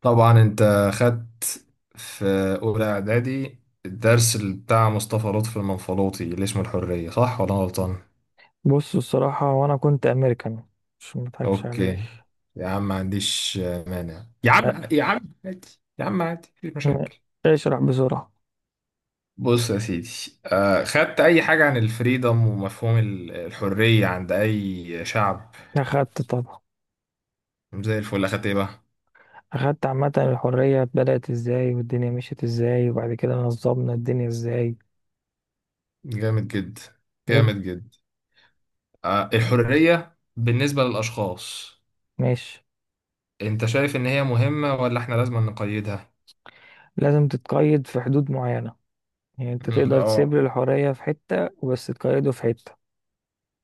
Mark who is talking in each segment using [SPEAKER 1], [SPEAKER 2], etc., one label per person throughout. [SPEAKER 1] طبعا انت خدت في اولى اعدادي الدرس اللي بتاع مصطفى لطفي المنفلوطي اللي اسمه الحريه، صح ولا أنا غلطان؟
[SPEAKER 2] بص، الصراحة وأنا كنت أمريكان. مش مضحكش عليك.
[SPEAKER 1] اوكي، يا عم ما عنديش مانع، يا
[SPEAKER 2] أ-
[SPEAKER 1] عم يا عم عادي، يا عم عادي مفيش
[SPEAKER 2] م-
[SPEAKER 1] مشاكل.
[SPEAKER 2] اشرح بسرعة.
[SPEAKER 1] بص يا سيدي، خدت اي حاجه عن الفريدم ومفهوم الحريه عند اي شعب؟
[SPEAKER 2] أخدت طبعا.
[SPEAKER 1] زي الفل. اخدت ايه بقى؟
[SPEAKER 2] أخدت عامة الحرية بدأت إزاي والدنيا مشيت إزاي وبعد كده نظمنا الدنيا إزاي.
[SPEAKER 1] جامد جدا.
[SPEAKER 2] حلو.
[SPEAKER 1] جامد جدا. الحريه بالنسبه للاشخاص،
[SPEAKER 2] ماشي.
[SPEAKER 1] انت شايف ان هي مهمه ولا احنا لازم نقيدها؟
[SPEAKER 2] لازم تتقيد في حدود معينة، يعني أنت
[SPEAKER 1] مم.
[SPEAKER 2] تقدر تسيب
[SPEAKER 1] اه.
[SPEAKER 2] لي الحرية في حتة بس تقيده في حتة.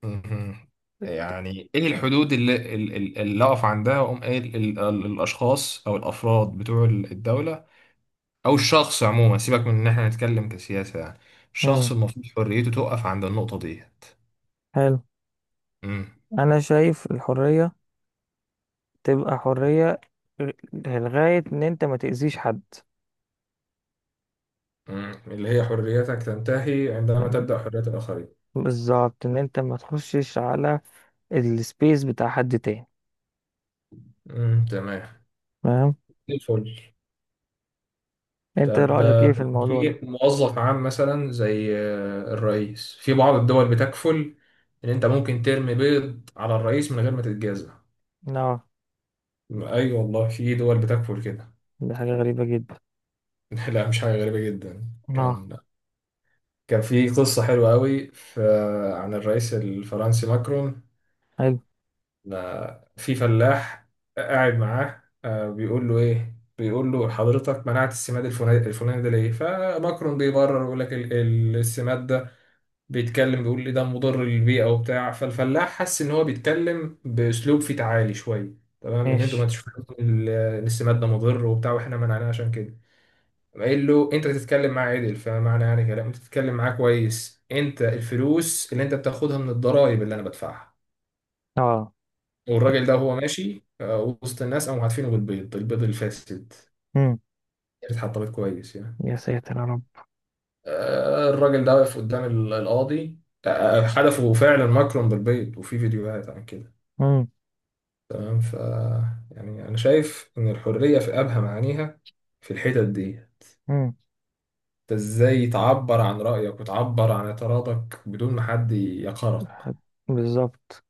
[SPEAKER 1] مم. يعني ايه الحدود اللي اقف عندها واقوم قايل الاشخاص او الافراد بتوع الدوله؟ او الشخص عموما، سيبك من ان احنا نتكلم كسياسه، يعني الشخص
[SPEAKER 2] مم.
[SPEAKER 1] المفروض حريته تقف عند النقطه ديت.
[SPEAKER 2] حلو.
[SPEAKER 1] مم.
[SPEAKER 2] أنا شايف الحرية تبقى حرية لغاية إن أنت ما تأذيش حد.
[SPEAKER 1] مم. اللي هي حريتك تنتهي عندما تبدأ حرية الآخرين.
[SPEAKER 2] بالظبط، ان انت ما تخشش على السبيس بتاع حد تاني.
[SPEAKER 1] مم. تمام.
[SPEAKER 2] فاهم.
[SPEAKER 1] الفل.
[SPEAKER 2] انت
[SPEAKER 1] طب
[SPEAKER 2] رأيك ايه في الموضوع ده؟
[SPEAKER 1] في موظف عام مثلا زي الرئيس، في بعض الدول بتكفل ان انت ممكن ترمي بيض على الرئيس من غير ما تتجازى.
[SPEAKER 2] اه.
[SPEAKER 1] اي والله، في دول بتكفل كده.
[SPEAKER 2] دي حاجة غريبة جدا.
[SPEAKER 1] لا، مش حاجة غريبة جدا.
[SPEAKER 2] اه.
[SPEAKER 1] كان كان في قصة حلوة قوي عن الرئيس الفرنسي ماكرون.
[SPEAKER 2] حلو.
[SPEAKER 1] لا، في فلاح قاعد معاه، بيقول له ايه؟ بيقول له: حضرتك منعت السماد الفلاني الفلاني ده ليه؟ فماكرون بيبرر ويقول لك السماد ده بيقول لي ده مضر للبيئة وبتاع. فالفلاح حس إن هو بيتكلم بأسلوب فيه تعالي شوية، تمام، إن أنتوا ما
[SPEAKER 2] ماشي.
[SPEAKER 1] تشوفوا إن السماد ده مضر وبتاع، وإحنا منعناه عشان كده. قام قايل له: أنت تتكلم معاه عدل، فمعنى يعني كلام أنت تتكلم معاه كويس، أنت الفلوس اللي أنت بتاخدها من الضرايب اللي أنا بدفعها.
[SPEAKER 2] اه.
[SPEAKER 1] والراجل ده وهو ماشي وسط الناس، قاموا عارفينه بالبيض، البيض الفاسد
[SPEAKER 2] امم.
[SPEAKER 1] اللي اتحطمت كويس يعني.
[SPEAKER 2] يا ساتر يا رب.
[SPEAKER 1] الراجل ده واقف قدام القاضي. حدفوا فعلا ماكرون بالبيض، وفي فيديوهات عن كده.
[SPEAKER 2] امم.
[SPEAKER 1] تمام. يعني انا شايف ان الحريه في ابهى معانيها في الحتت دي.
[SPEAKER 2] امم.
[SPEAKER 1] انت ازاي تعبر عن رايك وتعبر عن اعتراضك بدون ما حد يقهرك؟
[SPEAKER 2] بالظبط.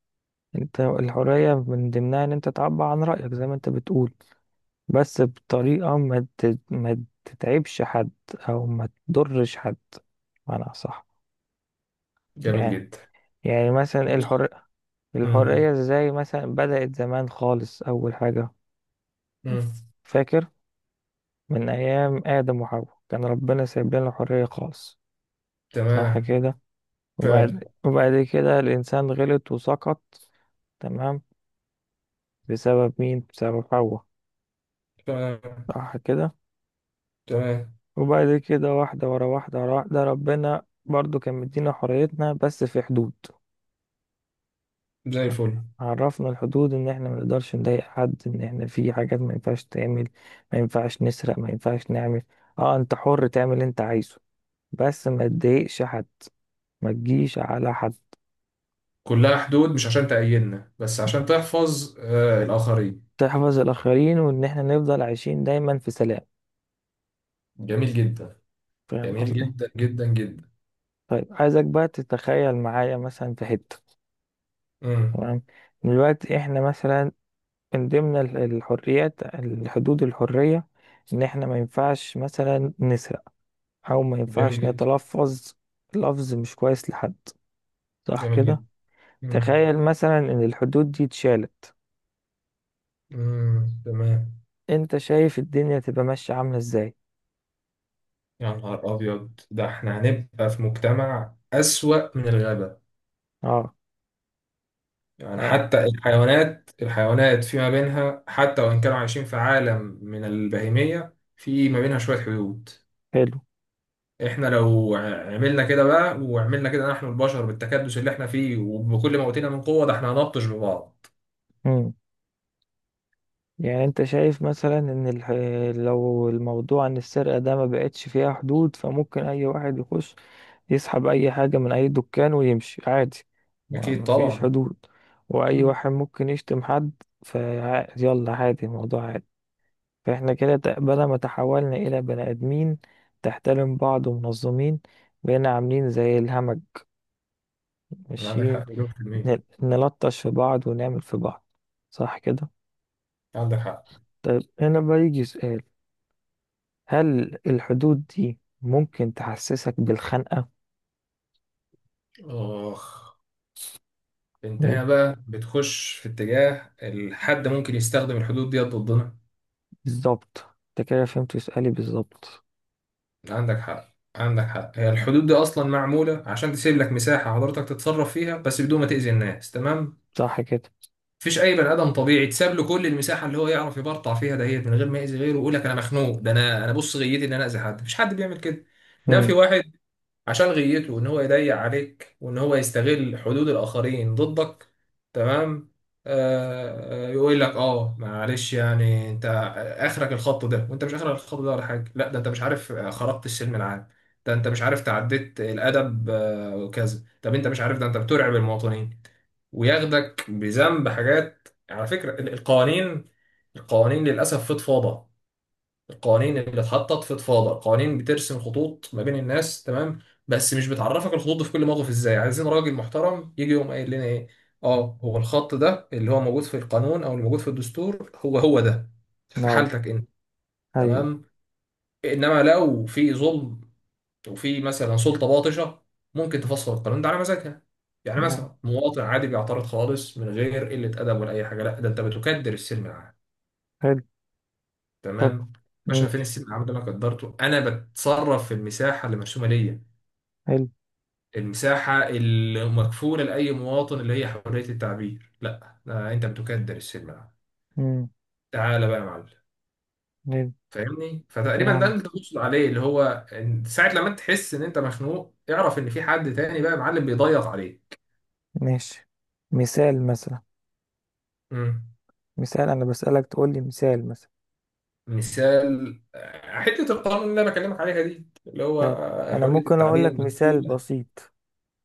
[SPEAKER 2] انت الحرية من ضمنها ان انت تعبر عن رأيك زي ما انت بتقول، بس بطريقة ما تتعبش حد، او ما تضرش حد، بمعنى صح.
[SPEAKER 1] جميل
[SPEAKER 2] يعني.
[SPEAKER 1] جدا.
[SPEAKER 2] يعني مثلا
[SPEAKER 1] بص.
[SPEAKER 2] الحرية.
[SPEAKER 1] م- م-
[SPEAKER 2] الحرية ازاي مثلا بدأت زمان خالص أول حاجة.
[SPEAKER 1] م.
[SPEAKER 2] فاكر. من أيام آدم وحواء كان ربنا سايب لنا الحرية خالص. صح
[SPEAKER 1] تمام.
[SPEAKER 2] كده.
[SPEAKER 1] فعلا.
[SPEAKER 2] وبعد كده الإنسان غلط وسقط. تمام. بسبب مين؟ بسبب حواء.
[SPEAKER 1] تمام.
[SPEAKER 2] صح كده.
[SPEAKER 1] تمام.
[SPEAKER 2] وبعد كده واحدة ورا واحدة ورا واحدة ربنا برضو كان مدينا حريتنا بس في حدود.
[SPEAKER 1] زي الفل.
[SPEAKER 2] عرفنا الحدود ان احنا ما نقدرش نضايق حد، ان احنا في حاجات ما ينفعش تعمل. ما ينفعش نسرق، ما ينفعش نعمل. اه انت حر تعمل اللي انت عايزه، بس ما تضايقش حد، ما تجيش على حد.
[SPEAKER 1] كلها حدود مش عشان تأيدنا بس عشان تحفظ الآخرين.
[SPEAKER 2] تحفظ الاخرين وان احنا نفضل عايشين دايما في سلام.
[SPEAKER 1] جميل جدا.
[SPEAKER 2] فاهم
[SPEAKER 1] جميل
[SPEAKER 2] قصدي؟
[SPEAKER 1] جدا جدا جدا.
[SPEAKER 2] طيب عايزك بقى تتخيل معايا مثلا في حتة.
[SPEAKER 1] م.
[SPEAKER 2] تمام. دلوقتي احنا مثلا، من ضمن الحريات الحدود الحرية، ان احنا ما ينفعش مثلا نسرق او ما
[SPEAKER 1] جميل
[SPEAKER 2] ينفعش
[SPEAKER 1] جدا.
[SPEAKER 2] نتلفظ لفظ مش كويس لحد. صح
[SPEAKER 1] جميل
[SPEAKER 2] كده.
[SPEAKER 1] جدا. م.
[SPEAKER 2] تخيل مثلا ان الحدود دي اتشالت،
[SPEAKER 1] م. تمام.
[SPEAKER 2] انت شايف الدنيا تبقى ماشية عاملة ازاي؟
[SPEAKER 1] يا نهار أبيض، ده احنا هنبقى في مجتمع أسوأ من الغابة.
[SPEAKER 2] اه.
[SPEAKER 1] يعني
[SPEAKER 2] يعني.
[SPEAKER 1] حتى الحيوانات فيما بينها، حتى وإن كانوا عايشين في عالم من البهيمية، في ما بينها شوية حدود.
[SPEAKER 2] حلو.
[SPEAKER 1] احنا لو عملنا كده بقى وعملنا كده نحن البشر، بالتكدس اللي احنا فيه وبكل ما أوتينا من قوة، ده احنا هنبطش ببعض.
[SPEAKER 2] مم. يعني انت شايف مثلا ان لو الموضوع ان السرقة ده ما بقتش فيها حدود، فممكن اي واحد يخش يسحب اي حاجة من اي دكان ويمشي عادي. ما
[SPEAKER 1] أكيد
[SPEAKER 2] ما فيش
[SPEAKER 1] طبعا.
[SPEAKER 2] حدود. واي
[SPEAKER 1] مم.
[SPEAKER 2] واحد ممكن يشتم حد فيلا عادي، الموضوع عادي. فإحنا كده، بدل ما تحولنا إلى بني آدمين تحترم بعض ومنظمين، بقينا عاملين زي الهمج
[SPEAKER 1] عندك
[SPEAKER 2] ماشيين،
[SPEAKER 1] حق مليون في المية.
[SPEAKER 2] نلطش في بعض ونعمل في بعض. صح كده؟
[SPEAKER 1] عندك حق.
[SPEAKER 2] طيب هنا بقى يجي سؤال. هل الحدود دي ممكن تحسسك بالخنقة؟
[SPEAKER 1] آخ. انت
[SPEAKER 2] يعني
[SPEAKER 1] هنا بقى بتخش في اتجاه الحد ممكن يستخدم الحدود دي ضدنا.
[SPEAKER 2] بالظبط. انت كده فهمت سؤالي بالظبط.
[SPEAKER 1] عندك حق. عندك حق، هي الحدود دي اصلا معموله عشان تسيب لك مساحه حضرتك تتصرف فيها، بس بدون ما تاذي الناس، تمام.
[SPEAKER 2] صح كده؟
[SPEAKER 1] مفيش اي بني ادم طبيعي تساب له كل المساحه اللي هو يعرف يبرطع فيها دهيت من غير ما ياذي غيره ويقول لك انا مخنوق. ده انا بص، غيتي ان انا اذي حد؟ مفيش حد بيعمل كده. انما في
[SPEAKER 2] امم.
[SPEAKER 1] واحد عشان غيته ان هو يضيق عليك وان هو يستغل حدود الاخرين ضدك، تمام. يقول لك اه، معلش يعني، انت اخرك الخط ده، وانت مش اخرك الخط ده ولا حاجه، لا ده انت مش عارف خرقت السلم العام، ده انت مش عارف تعديت الادب وكذا، طب انت مش عارف ده انت بترعب المواطنين، وياخدك بذنب حاجات. على فكره القوانين للاسف فضفاضه. القوانين اللي اتحطت في تفاضل، قوانين بترسم خطوط ما بين الناس، تمام، بس مش بتعرفك الخطوط دي في كل موقف ازاي. عايزين راجل محترم يجي يقوم قايل لنا ايه: اه، هو الخط ده اللي هو موجود في القانون او اللي موجود في الدستور هو هو ده في
[SPEAKER 2] اه.
[SPEAKER 1] حالتك انت.
[SPEAKER 2] أيوه.
[SPEAKER 1] تمام. انما لو في ظلم، وفي مثلا سلطة باطشة، ممكن تفسر القانون ده على مزاجها. يعني
[SPEAKER 2] نعم.
[SPEAKER 1] مثلا مواطن عادي بيعترض خالص من غير قلة أدب ولا أي حاجة، لا ده أنت بتكدر السلم العام.
[SPEAKER 2] حلو. طب.
[SPEAKER 1] تمام. باشا، فين
[SPEAKER 2] ماشي.
[SPEAKER 1] السيب العمود اللي انا قدرته؟ انا بتصرف في المساحه اللي مرسومه ليا،
[SPEAKER 2] حلو.
[SPEAKER 1] المساحه اللي مكفوله لاي مواطن، اللي هي حريه التعبير. لا ده انت بتكدر السلم العمود.
[SPEAKER 2] امم.
[SPEAKER 1] تعالى بقى يا معلم.
[SPEAKER 2] حلو.
[SPEAKER 1] فاهمني. فتقريبا ده
[SPEAKER 2] فاهمة.
[SPEAKER 1] اللي تقصد عليه اللي هو إن ساعه لما انت تحس ان انت مخنوق، اعرف ان في حد تاني بقى يا معلم بيضيق عليك.
[SPEAKER 2] ماشي. مثال مثلا.
[SPEAKER 1] مم.
[SPEAKER 2] مثال انا بسألك تقول لي مثال مثلا.
[SPEAKER 1] مثال حته القانون اللي انا بكلمك عليها دي اللي هو
[SPEAKER 2] طيب. انا
[SPEAKER 1] حريه
[SPEAKER 2] ممكن اقول
[SPEAKER 1] التعبير
[SPEAKER 2] لك مثال
[SPEAKER 1] مكفوله.
[SPEAKER 2] بسيط،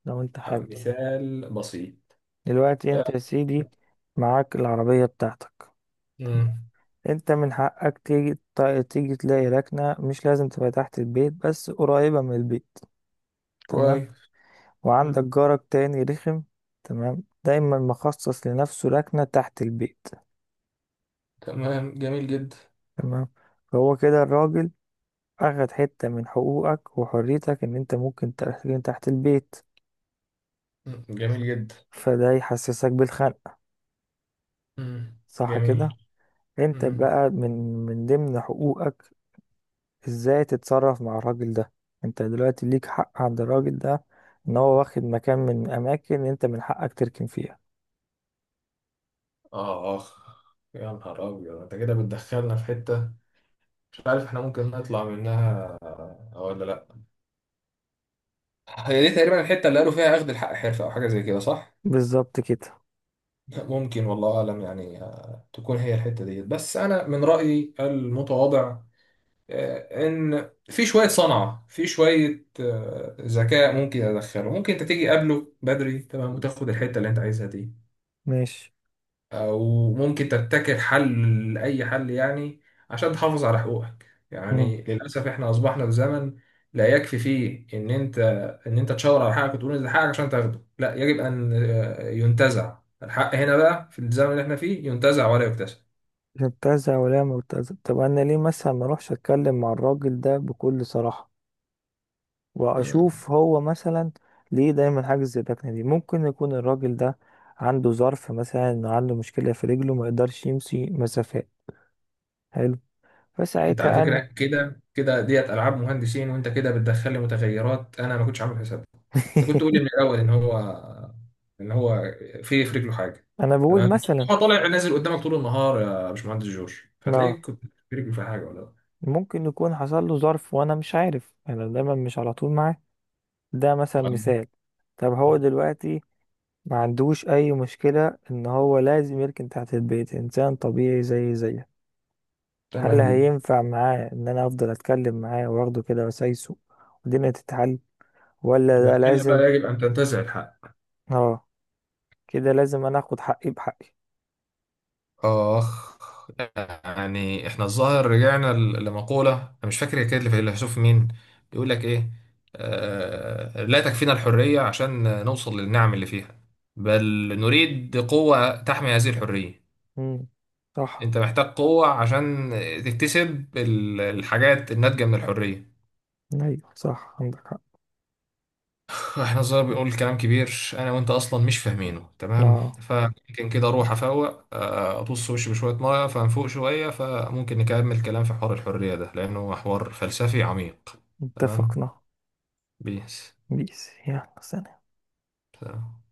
[SPEAKER 2] لو انت حابب.
[SPEAKER 1] مثال بسيط.
[SPEAKER 2] دلوقتي
[SPEAKER 1] آه،
[SPEAKER 2] انت يا سيدي معاك العربية بتاعتك. تمام؟
[SPEAKER 1] مم.
[SPEAKER 2] انت من حقك تيجي تلاقي ركنة مش لازم تبقى تحت البيت بس قريبة من البيت. تمام.
[SPEAKER 1] كويس. مم.
[SPEAKER 2] وعندك جارك تاني رخم، تمام، دايما مخصص لنفسه ركنة تحت البيت.
[SPEAKER 1] تمام. جميل جدا.
[SPEAKER 2] تمام. فهو كده الراجل أخد حتة من حقوقك وحريتك، إن أنت ممكن تركن تحت البيت.
[SPEAKER 1] مم. جميل جدا.
[SPEAKER 2] فده يحسسك بالخنق.
[SPEAKER 1] مم.
[SPEAKER 2] صح كده.
[SPEAKER 1] جميل.
[SPEAKER 2] انت
[SPEAKER 1] مم.
[SPEAKER 2] بقى من ضمن حقوقك ازاي تتصرف مع الراجل ده. انت دلوقتي ليك حق عند الراجل ده، ان هو واخد مكان من اماكن انت من حقك تركن فيها.
[SPEAKER 1] آه آه يا نهار أبيض، أنت كده بتدخلنا في حتة مش عارف إحنا ممكن نطلع منها ولا لأ. هي دي تقريبا الحتة اللي قالوا فيها أخذ الحق حرفة، أو حاجة زي كده، صح؟
[SPEAKER 2] بالظبط كده.
[SPEAKER 1] ممكن والله أعلم، يعني تكون هي الحتة ديت، بس أنا من رأيي المتواضع إن في شوية صنعة، في شوية ذكاء ممكن أدخله. ممكن أنت تيجي قبله بدري، تمام، وتاخد الحتة اللي أنت عايزها دي.
[SPEAKER 2] ماشي.
[SPEAKER 1] وممكن تبتكر حل لأي حل يعني، عشان تحافظ على حقوقك.
[SPEAKER 2] مم.
[SPEAKER 1] يعني للأسف احنا أصبحنا في زمن لا يكفي فيه إن أنت تشاور على حقك وتقول إن ده حقك عشان تاخده، لا يجب أن ينتزع. الحق هنا بقى في الزمن اللي احنا فيه ينتزع، ولا يكتسب.
[SPEAKER 2] مبتزه ولا مبتزه؟ طب انا ليه مثلا ما اروحش اتكلم مع الراجل ده بكل صراحه،
[SPEAKER 1] مم.
[SPEAKER 2] واشوف هو مثلا ليه دايما حاجز زي الركنه دي؟ ممكن يكون الراجل ده عنده ظرف، مثلا انه عنده مشكله في رجله ما يقدرش يمشي مسافات. حلو.
[SPEAKER 1] انت على
[SPEAKER 2] فساعتها
[SPEAKER 1] فكرة كده كده ديت ألعاب مهندسين، وانت كده بتدخل لي متغيرات انا ما كنتش عامل حسابها. انت كنت تقولي من الاول ان هو في رجله حاجه.
[SPEAKER 2] انا بقول
[SPEAKER 1] تمام.
[SPEAKER 2] مثلا.
[SPEAKER 1] هو طالع نازل قدامك طول النهار يا باشمهندس جورج،
[SPEAKER 2] ما
[SPEAKER 1] فتلاقيك كنت في رجله في حاجه ولا لا.
[SPEAKER 2] ممكن يكون حصل له ظرف وانا مش عارف، انا دايما مش على طول معاه. ده مثلا
[SPEAKER 1] تمام.
[SPEAKER 2] مثال. طب هو دلوقتي ما عندوش اي مشكلة، ان هو لازم يركن تحت البيت، انسان طبيعي زي زيه. هل
[SPEAKER 1] تمام جدا.
[SPEAKER 2] هينفع معاه ان انا افضل اتكلم معاه واخده كده وسايسه والدنيا تتحل، ولا ده
[SPEAKER 1] لا، هنا بقى
[SPEAKER 2] لازم؟
[SPEAKER 1] يجب ان تنتزع الحق.
[SPEAKER 2] اه. كده لازم انا اخد حقي بحقي.
[SPEAKER 1] اخ. يعني احنا الظاهر رجعنا لمقولة انا مش فاكر هي كانت لفيلسوف مين، بيقول لك ايه: لا تكفينا الحرية عشان نوصل للنعم اللي فيها، بل نريد قوة تحمي هذه الحرية.
[SPEAKER 2] امم. صح.
[SPEAKER 1] انت محتاج قوة عشان تكتسب الحاجات الناتجة من الحرية.
[SPEAKER 2] ايوه صح، عندك حق.
[SPEAKER 1] احنا صغير بيقول كلام كبير، انا وانت اصلا مش فاهمينه، تمام.
[SPEAKER 2] اه
[SPEAKER 1] فممكن كده اروح افوق، ابص وشي بشوية مية، فنفوق شوية، فممكن نكمل كلام في حوار الحرية ده لانه حوار فلسفي عميق. تمام.
[SPEAKER 2] اتفقنا.
[SPEAKER 1] بيس.
[SPEAKER 2] بيس يلا سلام.
[SPEAKER 1] سلام.